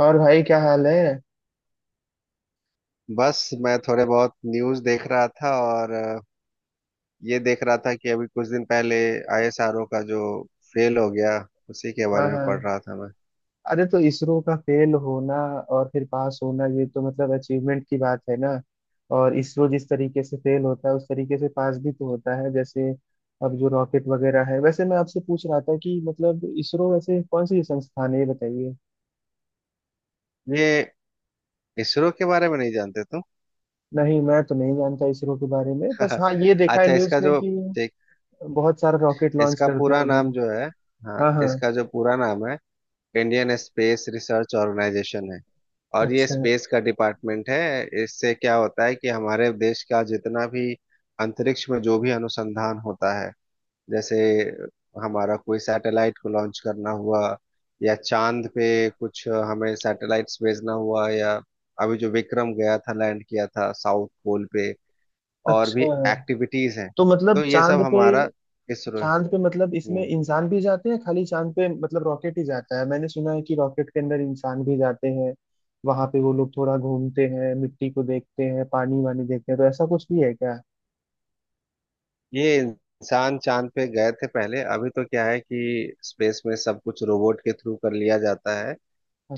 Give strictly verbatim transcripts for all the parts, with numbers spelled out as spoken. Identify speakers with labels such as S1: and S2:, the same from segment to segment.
S1: और भाई क्या हाल है।
S2: बस मैं थोड़े बहुत न्यूज़ देख रहा था और अ, ये देख रहा था कि अभी कुछ दिन पहले आई एस आर ओ का जो फेल हो गया उसी के
S1: हाँ
S2: बारे में
S1: हाँ।
S2: पढ़ रहा था मैं।
S1: अरे तो इसरो का फेल होना और फिर पास होना, ये तो मतलब अचीवमेंट की बात है ना। और इसरो जिस तरीके से फेल होता है उस तरीके से पास भी तो होता है। जैसे अब जो रॉकेट वगैरह है, वैसे मैं आपसे पूछ रहा था कि मतलब इसरो वैसे कौन सी संस्थान है ये बताइए।
S2: ये इसरो के बारे में नहीं जानते तुम?
S1: नहीं मैं तो नहीं जानता इसरो के बारे में, बस हाँ ये देखा है
S2: अच्छा
S1: न्यूज़
S2: इसका
S1: में
S2: जो
S1: कि
S2: ठीक,
S1: बहुत सारा रॉकेट लॉन्च
S2: इसका
S1: करते हैं
S2: पूरा
S1: वो लोग।
S2: नाम जो है, हाँ
S1: हाँ हाँ।
S2: इसका जो पूरा नाम है, इंडियन स्पेस रिसर्च ऑर्गेनाइजेशन है। और ये
S1: अच्छा।
S2: स्पेस का डिपार्टमेंट है। इससे क्या होता है कि हमारे देश का जितना भी अंतरिक्ष में जो भी अनुसंधान होता है, जैसे हमारा कोई सैटेलाइट को लॉन्च करना हुआ या चांद पे कुछ हमें सैटेलाइट्स भेजना हुआ, या अभी जो विक्रम गया था, लैंड किया था साउथ पोल पे, और भी
S1: अच्छा,
S2: एक्टिविटीज हैं,
S1: तो मतलब
S2: तो ये सब
S1: चांद पे,
S2: हमारा इसरो है।
S1: चांद पे मतलब इसमें
S2: हम्म,
S1: इंसान भी जाते हैं? खाली चांद पे मतलब रॉकेट ही जाता है? मैंने सुना है कि रॉकेट के अंदर इंसान भी जाते हैं वहां पे। वो लोग थोड़ा घूमते हैं, मिट्टी को देखते हैं, पानी वानी देखते हैं, तो ऐसा कुछ भी है क्या?
S2: ये इंसान चांद पे गए थे पहले। अभी तो क्या है कि स्पेस में सब कुछ रोबोट के थ्रू कर लिया जाता है,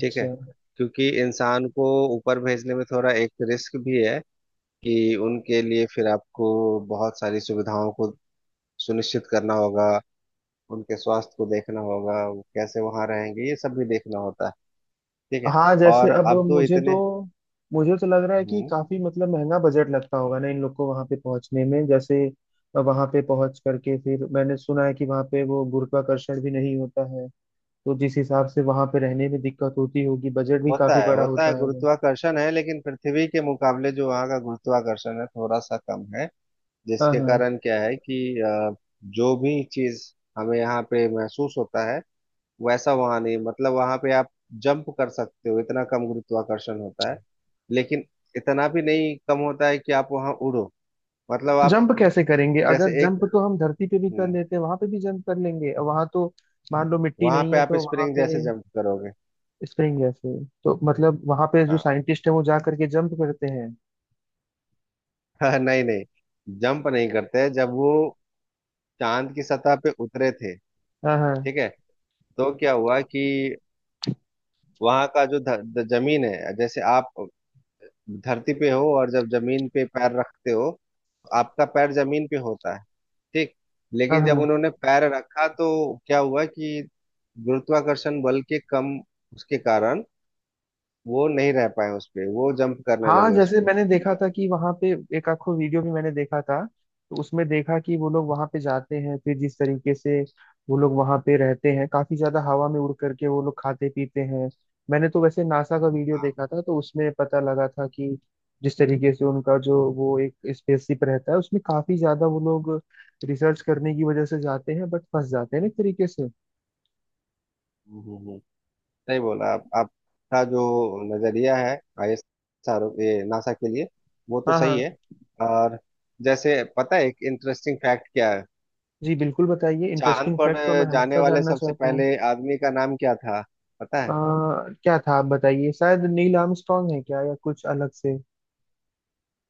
S2: ठीक है? क्योंकि इंसान को ऊपर भेजने में थोड़ा एक रिस्क भी है कि उनके लिए फिर आपको बहुत सारी सुविधाओं को सुनिश्चित करना होगा, उनके स्वास्थ्य को देखना होगा, वो कैसे वहां रहेंगे ये सब भी देखना होता है, ठीक है।
S1: हाँ जैसे,
S2: और
S1: अब
S2: अब तो
S1: मुझे तो
S2: इतने
S1: मुझे तो लग रहा है कि
S2: हम्म
S1: काफी मतलब महंगा बजट लगता होगा ना इन लोग को वहां पे पहुंचने में। जैसे वहां पे पहुंच करके फिर मैंने सुना है कि वहां पे वो गुरुत्वाकर्षण भी नहीं होता है। तो जिस हिसाब से वहां पे रहने में दिक्कत होती होगी, बजट भी
S2: होता
S1: काफी
S2: है,
S1: बड़ा
S2: होता है
S1: होता है वो।
S2: गुरुत्वाकर्षण है, लेकिन पृथ्वी के मुकाबले जो वहाँ का गुरुत्वाकर्षण है थोड़ा सा कम है।
S1: हाँ
S2: जिसके
S1: हाँ।
S2: कारण क्या है कि अ, जो भी चीज हमें यहाँ पे महसूस होता है वैसा वहां नहीं, मतलब वहां पे आप जंप कर सकते हो, इतना कम गुरुत्वाकर्षण होता है। लेकिन इतना भी नहीं कम होता है कि आप वहां उड़ो, मतलब आप
S1: जंप कैसे करेंगे? अगर
S2: जैसे
S1: जंप
S2: एक
S1: तो हम धरती पे भी कर लेते हैं, वहां पे भी जंप कर लेंगे वहां तो। मान लो मिट्टी
S2: वहां
S1: नहीं
S2: पे
S1: है
S2: आप
S1: तो वहां
S2: स्प्रिंग
S1: पे।
S2: जैसे जंप करोगे।
S1: स्प्रिंग है फिर? तो मतलब वहां पे जो साइंटिस्ट है वो जा करके जंप करते हैं?
S2: हाँ नहीं नहीं, जंप नहीं करते। जब वो चांद की सतह पे उतरे थे,
S1: हाँ हाँ
S2: ठीक है, तो क्या हुआ कि वहां का जो ध, ध, जमीन है, जैसे आप धरती पे हो और जब जमीन पे पैर रखते हो आपका पैर जमीन पे होता है, ठीक।
S1: हाँ
S2: लेकिन जब
S1: हाँ।
S2: उन्होंने पैर रखा तो क्या हुआ कि गुरुत्वाकर्षण बल के कम उसके कारण वो नहीं रह पाए उस पे, वो जंप करने
S1: हाँ
S2: लगे उस
S1: जैसे
S2: पे,
S1: मैंने
S2: ठीक
S1: देखा
S2: है।
S1: था कि वहां पे एक आखो वीडियो भी मैंने देखा था, तो उसमें देखा कि वो लोग वहां पे जाते हैं, फिर जिस तरीके से वो लोग वहां पे रहते हैं, काफी ज्यादा हवा में उड़ करके वो लोग खाते पीते हैं। मैंने तो वैसे नासा का वीडियो देखा था तो उसमें पता लगा था कि जिस तरीके से उनका जो वो एक स्पेसशिप रहता है उसमें काफी ज्यादा वो लोग रिसर्च करने की वजह से जाते हैं, बट फंस जाते हैं ना एक तरीके से।
S2: हम्म, हम्म, हम्म। सही बोला आप, आपका जो नजरिया है आई एस आर ओ ये नासा के लिए, वो तो
S1: हाँ
S2: सही
S1: हाँ।
S2: है। और जैसे पता है एक इंटरेस्टिंग फैक्ट क्या है?
S1: जी बिल्कुल बताइए,
S2: चांद
S1: इंटरेस्टिंग
S2: पर
S1: फैक्ट तो मैं
S2: जाने
S1: हमेशा
S2: वाले
S1: जानना
S2: सबसे
S1: चाहता हूँ।
S2: पहले आदमी का नाम क्या था पता
S1: अ,
S2: है?
S1: क्या था आप बताइए, शायद नील आर्मस्ट्रांग है क्या या कुछ अलग से।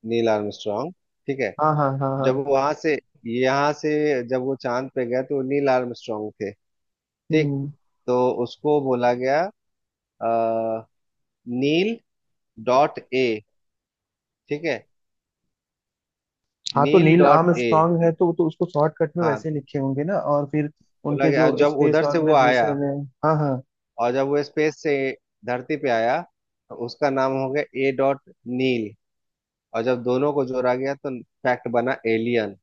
S2: नील आर्मस्ट्रॉन्ग, ठीक है।
S1: हाँ हाँ हाँ हाँ।
S2: जब वहां से यहाँ से जब वो चांद पे गया तो नील आर्मस्ट्रांग थे, ठीक।
S1: हम्म।
S2: तो उसको बोला गया अ, नील डॉट ए, ठीक है,
S1: हाँ तो
S2: Neil
S1: Neil
S2: dot A.
S1: Armstrong है तो तो उसको शॉर्टकट में
S2: हाँ,
S1: वैसे लिखे होंगे ना, और फिर
S2: बोला
S1: उनके
S2: गया
S1: जो
S2: जब
S1: स्पेस
S2: उधर से वो आया,
S1: ऑर्गेनाइजेशन है। हाँ हाँ।
S2: और जब वो स्पेस से धरती पे आया तो उसका नाम हो गया ए डॉट नील। और जब दोनों को जोड़ा गया तो फैक्ट बना एलियन।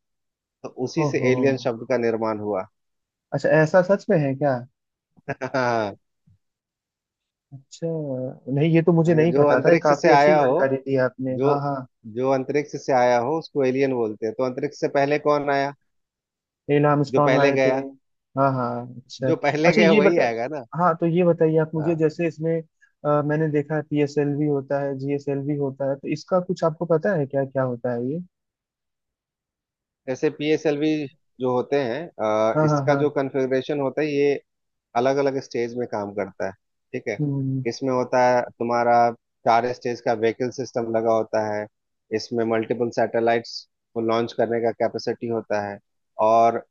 S2: तो उसी से
S1: ओहो।
S2: एलियन शब्द का निर्माण हुआ।
S1: अच्छा, ऐसा सच में है क्या?
S2: हाँ,
S1: अच्छा। नहीं ये तो मुझे नहीं
S2: जो
S1: पता था, ये
S2: अंतरिक्ष से
S1: काफी अच्छी
S2: आया हो,
S1: जानकारी दी आपने।
S2: जो
S1: हाँ हाँ।
S2: जो अंतरिक्ष से आया हो उसको एलियन बोलते हैं। तो अंतरिक्ष से पहले कौन आया?
S1: नील
S2: जो
S1: आर्मस्ट्रॉन्ग
S2: पहले
S1: आए थे।
S2: गया,
S1: हाँ हाँ। अच्छा।
S2: जो पहले
S1: अच्छा
S2: गया
S1: ये
S2: वही
S1: बताए।
S2: आएगा ना।
S1: हाँ तो ये बताइए आप मुझे,
S2: हाँ,
S1: जैसे इसमें अ, मैंने देखा है पी एस एल वी होता है जी एस एल वी होता है, तो इसका कुछ आपको पता है क्या क्या होता है ये?
S2: ऐसे पी एस एल वी जो होते हैं अ,
S1: हाँ हाँ
S2: इसका
S1: हाँ।
S2: जो कन्फिग्रेशन होता है ये अलग अलग स्टेज में काम करता है, ठीक है।
S1: हम्म।
S2: इसमें होता है तुम्हारा चार स्टेज का व्हीकल सिस्टम लगा होता है। इसमें मल्टीपल सैटेलाइट्स को लॉन्च करने का कैपेसिटी होता है। और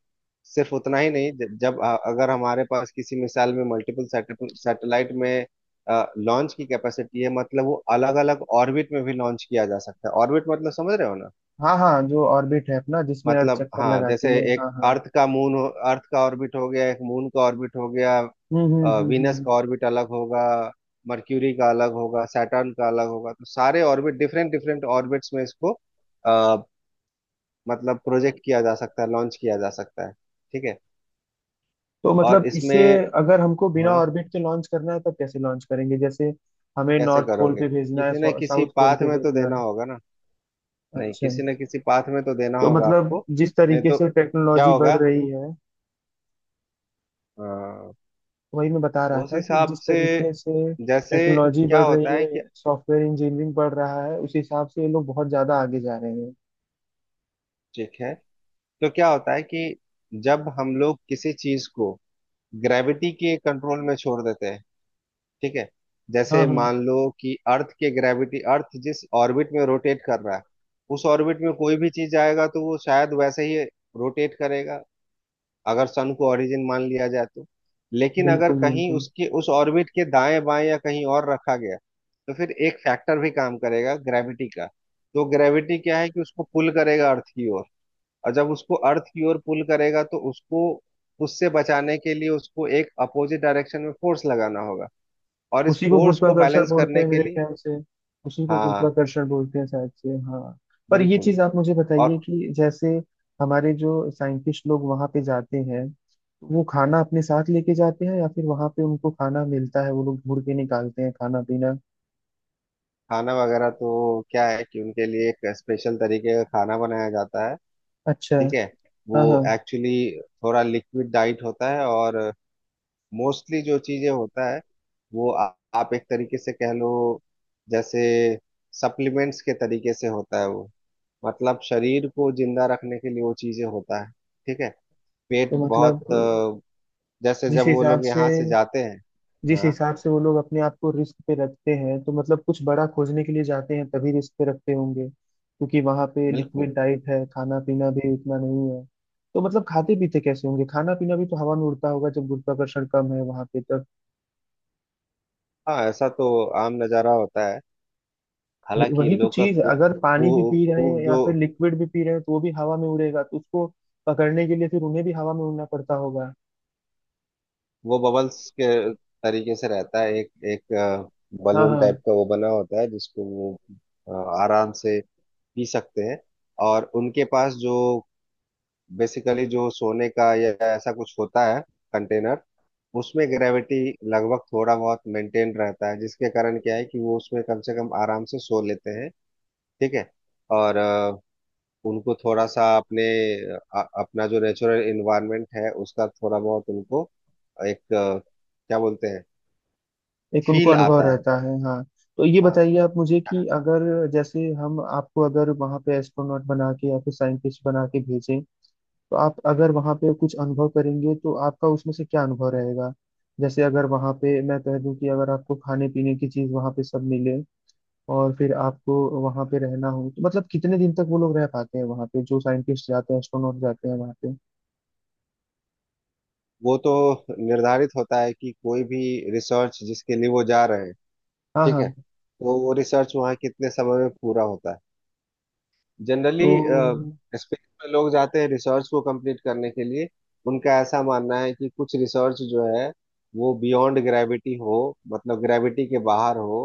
S2: सिर्फ उतना ही नहीं, ज- जब अ- अगर हमारे पास किसी मिसाइल में मल्टीपल सैटेलाइट में लॉन्च की कैपेसिटी है मतलब वो अलग अलग ऑर्बिट में भी लॉन्च किया जा सकता है। ऑर्बिट मतलब समझ रहे हो ना?
S1: हाँ हाँ, जो ऑर्बिट है अपना जिसमें अर्थ
S2: मतलब
S1: चक्कर
S2: हाँ, जैसे
S1: लगाती है,
S2: एक
S1: हाँ हाँ।
S2: अर्थ का मून हो- अर्थ का ऑर्बिट हो गया, एक मून का ऑर्बिट हो गया,
S1: हम्म हम्म
S2: अ,
S1: हम्म
S2: वीनस का
S1: हम्म।
S2: ऑर्बिट अलग होगा, मर्क्यूरी का अलग होगा, सैटर्न का अलग होगा। तो सारे ऑर्बिट डिफरेंट डिफरेंट ऑर्बिट्स में इसको आ, मतलब प्रोजेक्ट किया जा सकता है, लॉन्च किया जा सकता है, ठीक है।
S1: तो
S2: और
S1: मतलब इसे
S2: इसमें
S1: अगर हमको बिना
S2: हाँ,
S1: ऑर्बिट के लॉन्च करना है तब कैसे लॉन्च करेंगे? जैसे हमें
S2: कैसे
S1: नॉर्थ पोल
S2: करोगे?
S1: पे भेजना है,
S2: किसी न किसी
S1: साउथ पोल
S2: पाथ
S1: पे
S2: में तो
S1: भेजना
S2: देना
S1: है।
S2: होगा ना, नहीं
S1: अच्छा।
S2: किसी न किसी पाथ में तो देना
S1: तो
S2: होगा
S1: मतलब
S2: आपको।
S1: जिस
S2: नहीं
S1: तरीके
S2: तो
S1: से
S2: क्या
S1: टेक्नोलॉजी बढ़
S2: होगा,
S1: रही है,
S2: अ,
S1: वही मैं बता रहा
S2: उस
S1: था कि
S2: हिसाब
S1: जिस
S2: से
S1: तरीके से
S2: जैसे
S1: टेक्नोलॉजी
S2: क्या
S1: बढ़
S2: होता
S1: रही
S2: है
S1: है,
S2: कि,
S1: सॉफ्टवेयर इंजीनियरिंग बढ़ रहा है, उस हिसाब से ये लोग बहुत ज्यादा आगे जा रहे हैं।
S2: ठीक है, तो क्या होता है कि जब हम लोग किसी चीज को ग्रेविटी के कंट्रोल में छोड़ देते हैं, ठीक है,
S1: हाँ
S2: जैसे
S1: हाँ।
S2: मान लो कि अर्थ के ग्रेविटी अर्थ जिस ऑर्बिट में रोटेट कर रहा है, उस ऑर्बिट में कोई भी चीज आएगा तो वो शायद वैसे ही रोटेट करेगा अगर सन को ओरिजिन मान लिया जाए तो। लेकिन अगर
S1: बिल्कुल
S2: कहीं
S1: बिल्कुल।
S2: उसके उस ऑर्बिट के दाएं बाएं या कहीं और रखा गया तो फिर एक फैक्टर भी काम करेगा ग्रेविटी का। तो ग्रेविटी क्या है कि उसको पुल करेगा अर्थ की ओर, और जब उसको अर्थ की ओर पुल करेगा तो उसको उससे बचाने के लिए उसको एक अपोजिट डायरेक्शन में फोर्स लगाना होगा, और इस
S1: उसी को
S2: फोर्स को
S1: गुरुत्वाकर्षण
S2: बैलेंस
S1: बोलते
S2: करने
S1: हैं
S2: के
S1: मेरे
S2: लिए
S1: ख्याल से। उसी को
S2: हाँ,
S1: गुरुत्वाकर्षण बोलते हैं शायद से, हाँ। पर ये
S2: बिल्कुल।
S1: चीज आप मुझे बताइए
S2: और
S1: कि जैसे हमारे जो साइंटिस्ट लोग वहां पे जाते हैं, वो खाना अपने साथ लेके जाते हैं या फिर वहां पे उनको खाना मिलता है? वो लोग घूर के निकालते हैं खाना पीना?
S2: खाना वगैरह तो क्या है कि उनके लिए एक स्पेशल तरीके का खाना बनाया जाता है,
S1: अच्छा।
S2: ठीक है। वो
S1: हाँ हाँ।
S2: एक्चुअली थोड़ा लिक्विड डाइट होता है, और मोस्टली जो चीजें होता है वो आ, आप एक तरीके से कह लो जैसे सप्लीमेंट्स के तरीके से होता है वो, मतलब शरीर को जिंदा रखने के लिए वो चीजें होता है, ठीक है। पेट
S1: तो
S2: बहुत
S1: मतलब
S2: अ, जैसे
S1: जिस
S2: जब वो
S1: हिसाब
S2: लोग
S1: से
S2: यहाँ से जाते हैं
S1: जिस
S2: हाँ
S1: हिसाब से वो लोग अपने आप को रिस्क पे रखते हैं, तो मतलब कुछ बड़ा खोजने के लिए जाते हैं तभी रिस्क पे रखते होंगे, क्योंकि वहां पे
S2: बिल्कुल।
S1: लिक्विड डाइट है, खाना पीना भी उतना नहीं है। तो मतलब खाते पीते कैसे होंगे? खाना पीना भी तो हवा में उड़ता होगा जब गुरुत्वाकर्षण कम है वहां पे तब।
S2: हाँ ऐसा तो आम नज़ारा होता है,
S1: वही,
S2: हालांकि
S1: वही
S2: इन
S1: तो
S2: लोग का
S1: चीज है, अगर पानी भी पी रहे हैं
S2: खूब
S1: या
S2: जो
S1: फिर लिक्विड भी पी रहे हैं तो वो भी हवा में उड़ेगा, तो उसको पकड़ने के लिए फिर उन्हें भी हवा में उड़ना पड़ता होगा।
S2: वो बबल्स के तरीके से रहता है, एक एक
S1: हाँ
S2: बलून
S1: हाँ।
S2: टाइप का वो बना होता है जिसको वो अ, आराम से पी सकते हैं। और उनके पास जो बेसिकली जो सोने का या ऐसा कुछ होता है कंटेनर उसमें ग्रेविटी लगभग थोड़ा बहुत मेंटेन रहता है, जिसके कारण क्या है कि वो उसमें कम से कम आराम से सो लेते हैं, ठीक है। और अ, उनको थोड़ा सा अपने अ, अपना जो नेचुरल इन्वायरमेंट है उसका थोड़ा बहुत उनको एक अ, क्या बोलते हैं,
S1: एक उनको
S2: फील
S1: अनुभव
S2: आता है।
S1: रहता है, हाँ। तो ये
S2: हाँ
S1: बताइए आप मुझे कि अगर जैसे हम आपको अगर वहाँ पे एस्ट्रोनॉट बना के या फिर साइंटिस्ट बना के भेजें, तो आप अगर वहाँ पे कुछ अनुभव करेंगे तो आपका उसमें से क्या अनुभव रहेगा? जैसे अगर वहाँ पे मैं कह दूँ कि अगर आपको खाने पीने की चीज़ वहाँ पे सब मिले और फिर आपको वहाँ पे रहना हो, तो मतलब कितने दिन तक वो लोग रह पाते हैं वहाँ पे? जो साइंटिस्ट जाते हैं, एस्ट्रोनॉट जाते हैं वहाँ पे।
S2: वो तो निर्धारित होता है कि कोई भी रिसर्च जिसके लिए वो जा रहे हैं,
S1: हाँ
S2: ठीक है,
S1: हाँ।
S2: तो वो रिसर्च वहाँ कितने समय में पूरा होता है जनरली।
S1: तो
S2: स्पेस में लोग जाते हैं रिसर्च को कंप्लीट करने के लिए। उनका ऐसा मानना है कि कुछ रिसर्च जो है वो बियॉन्ड ग्रेविटी हो, मतलब ग्रेविटी के बाहर हो,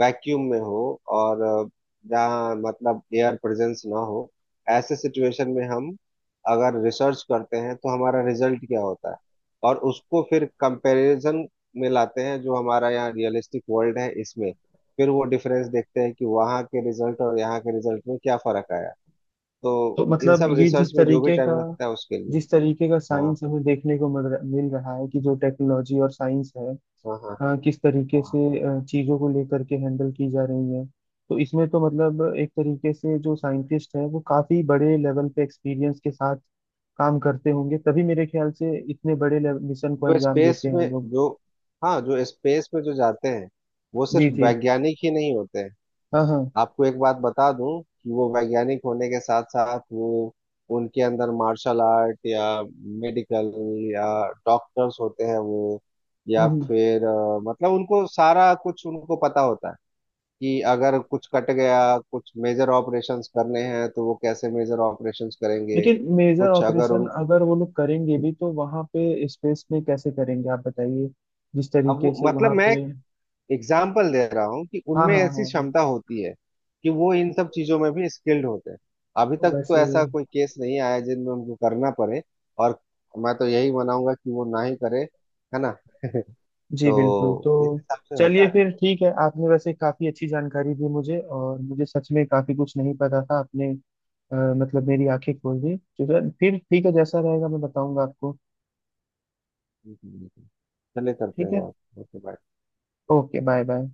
S2: वैक्यूम में हो, और अ, जहाँ मतलब एयर प्रेजेंस ना हो, ऐसे सिचुएशन में हम अगर रिसर्च करते हैं तो हमारा रिजल्ट क्या होता है, और उसको फिर कंपैरिजन में लाते हैं जो हमारा यहाँ रियलिस्टिक वर्ल्ड है इसमें, फिर वो डिफरेंस देखते हैं कि वहाँ के रिजल्ट और यहाँ के रिजल्ट में क्या फर्क आया। तो
S1: तो
S2: इन
S1: मतलब
S2: सब
S1: ये
S2: रिसर्च
S1: जिस
S2: में जो भी
S1: तरीके का,
S2: टाइम लगता है उसके लिए
S1: जिस तरीके का
S2: हाँ
S1: साइंस हमें देखने को मिल रहा मिल रहा है कि जो टेक्नोलॉजी और साइंस है,
S2: हाँ हाँ
S1: अ, किस तरीके
S2: हाँ।
S1: से अ, चीजों को लेकर के हैंडल की जा रही है, तो इसमें तो मतलब एक तरीके से जो साइंटिस्ट है वो काफी बड़े लेवल पे एक्सपीरियंस के साथ काम करते होंगे, तभी मेरे ख्याल से इतने बड़े मिशन को
S2: जो
S1: अंजाम देते
S2: स्पेस
S1: हैं वो
S2: में
S1: लोग।
S2: जो हाँ जो स्पेस में जो जाते हैं वो सिर्फ
S1: जी जी।
S2: वैज्ञानिक ही नहीं होते हैं।
S1: हाँ हाँ। हम्म,
S2: आपको एक बात बता दूं कि वो वैज्ञानिक होने के साथ साथ वो उनके अंदर मार्शल आर्ट या मेडिकल या डॉक्टर्स होते हैं वो, या
S1: हम्म।
S2: फिर अ, मतलब उनको सारा कुछ उनको पता होता है कि अगर कुछ कट गया कुछ मेजर ऑपरेशंस करने हैं तो वो कैसे मेजर ऑपरेशंस करेंगे।
S1: लेकिन मेजर
S2: कुछ अगर
S1: ऑपरेशन
S2: उन
S1: अगर वो लोग करेंगे भी तो वहां पे स्पेस में कैसे करेंगे आप बताइए? जिस
S2: अब
S1: तरीके
S2: वो
S1: से
S2: मतलब
S1: वहां
S2: मैं एक
S1: पे।
S2: एग्जाम्पल दे रहा हूँ कि
S1: हाँ
S2: उनमें
S1: हाँ हाँ
S2: ऐसी
S1: हाँ।
S2: क्षमता होती है कि वो इन सब चीजों में भी स्किल्ड होते हैं। अभी तक तो
S1: वैसे।
S2: ऐसा कोई केस नहीं आया जिनमें उनको करना पड़े। और मैं तो यही मनाऊंगा कि वो ना ही करे, है ना?
S1: जी बिल्कुल।
S2: तो
S1: तो
S2: इस हिसाब से होता
S1: चलिए
S2: है।
S1: फिर ठीक है, आपने वैसे काफी अच्छी जानकारी दी मुझे, और मुझे सच में काफी कुछ नहीं पता था आपने। अ, मतलब मेरी आंखें खोल दी, तो फिर ठीक है, जैसा रहेगा मैं बताऊंगा आपको।
S2: चले करते
S1: ठीक
S2: हैं
S1: है।
S2: बात, okay bye.
S1: Okay bye bye.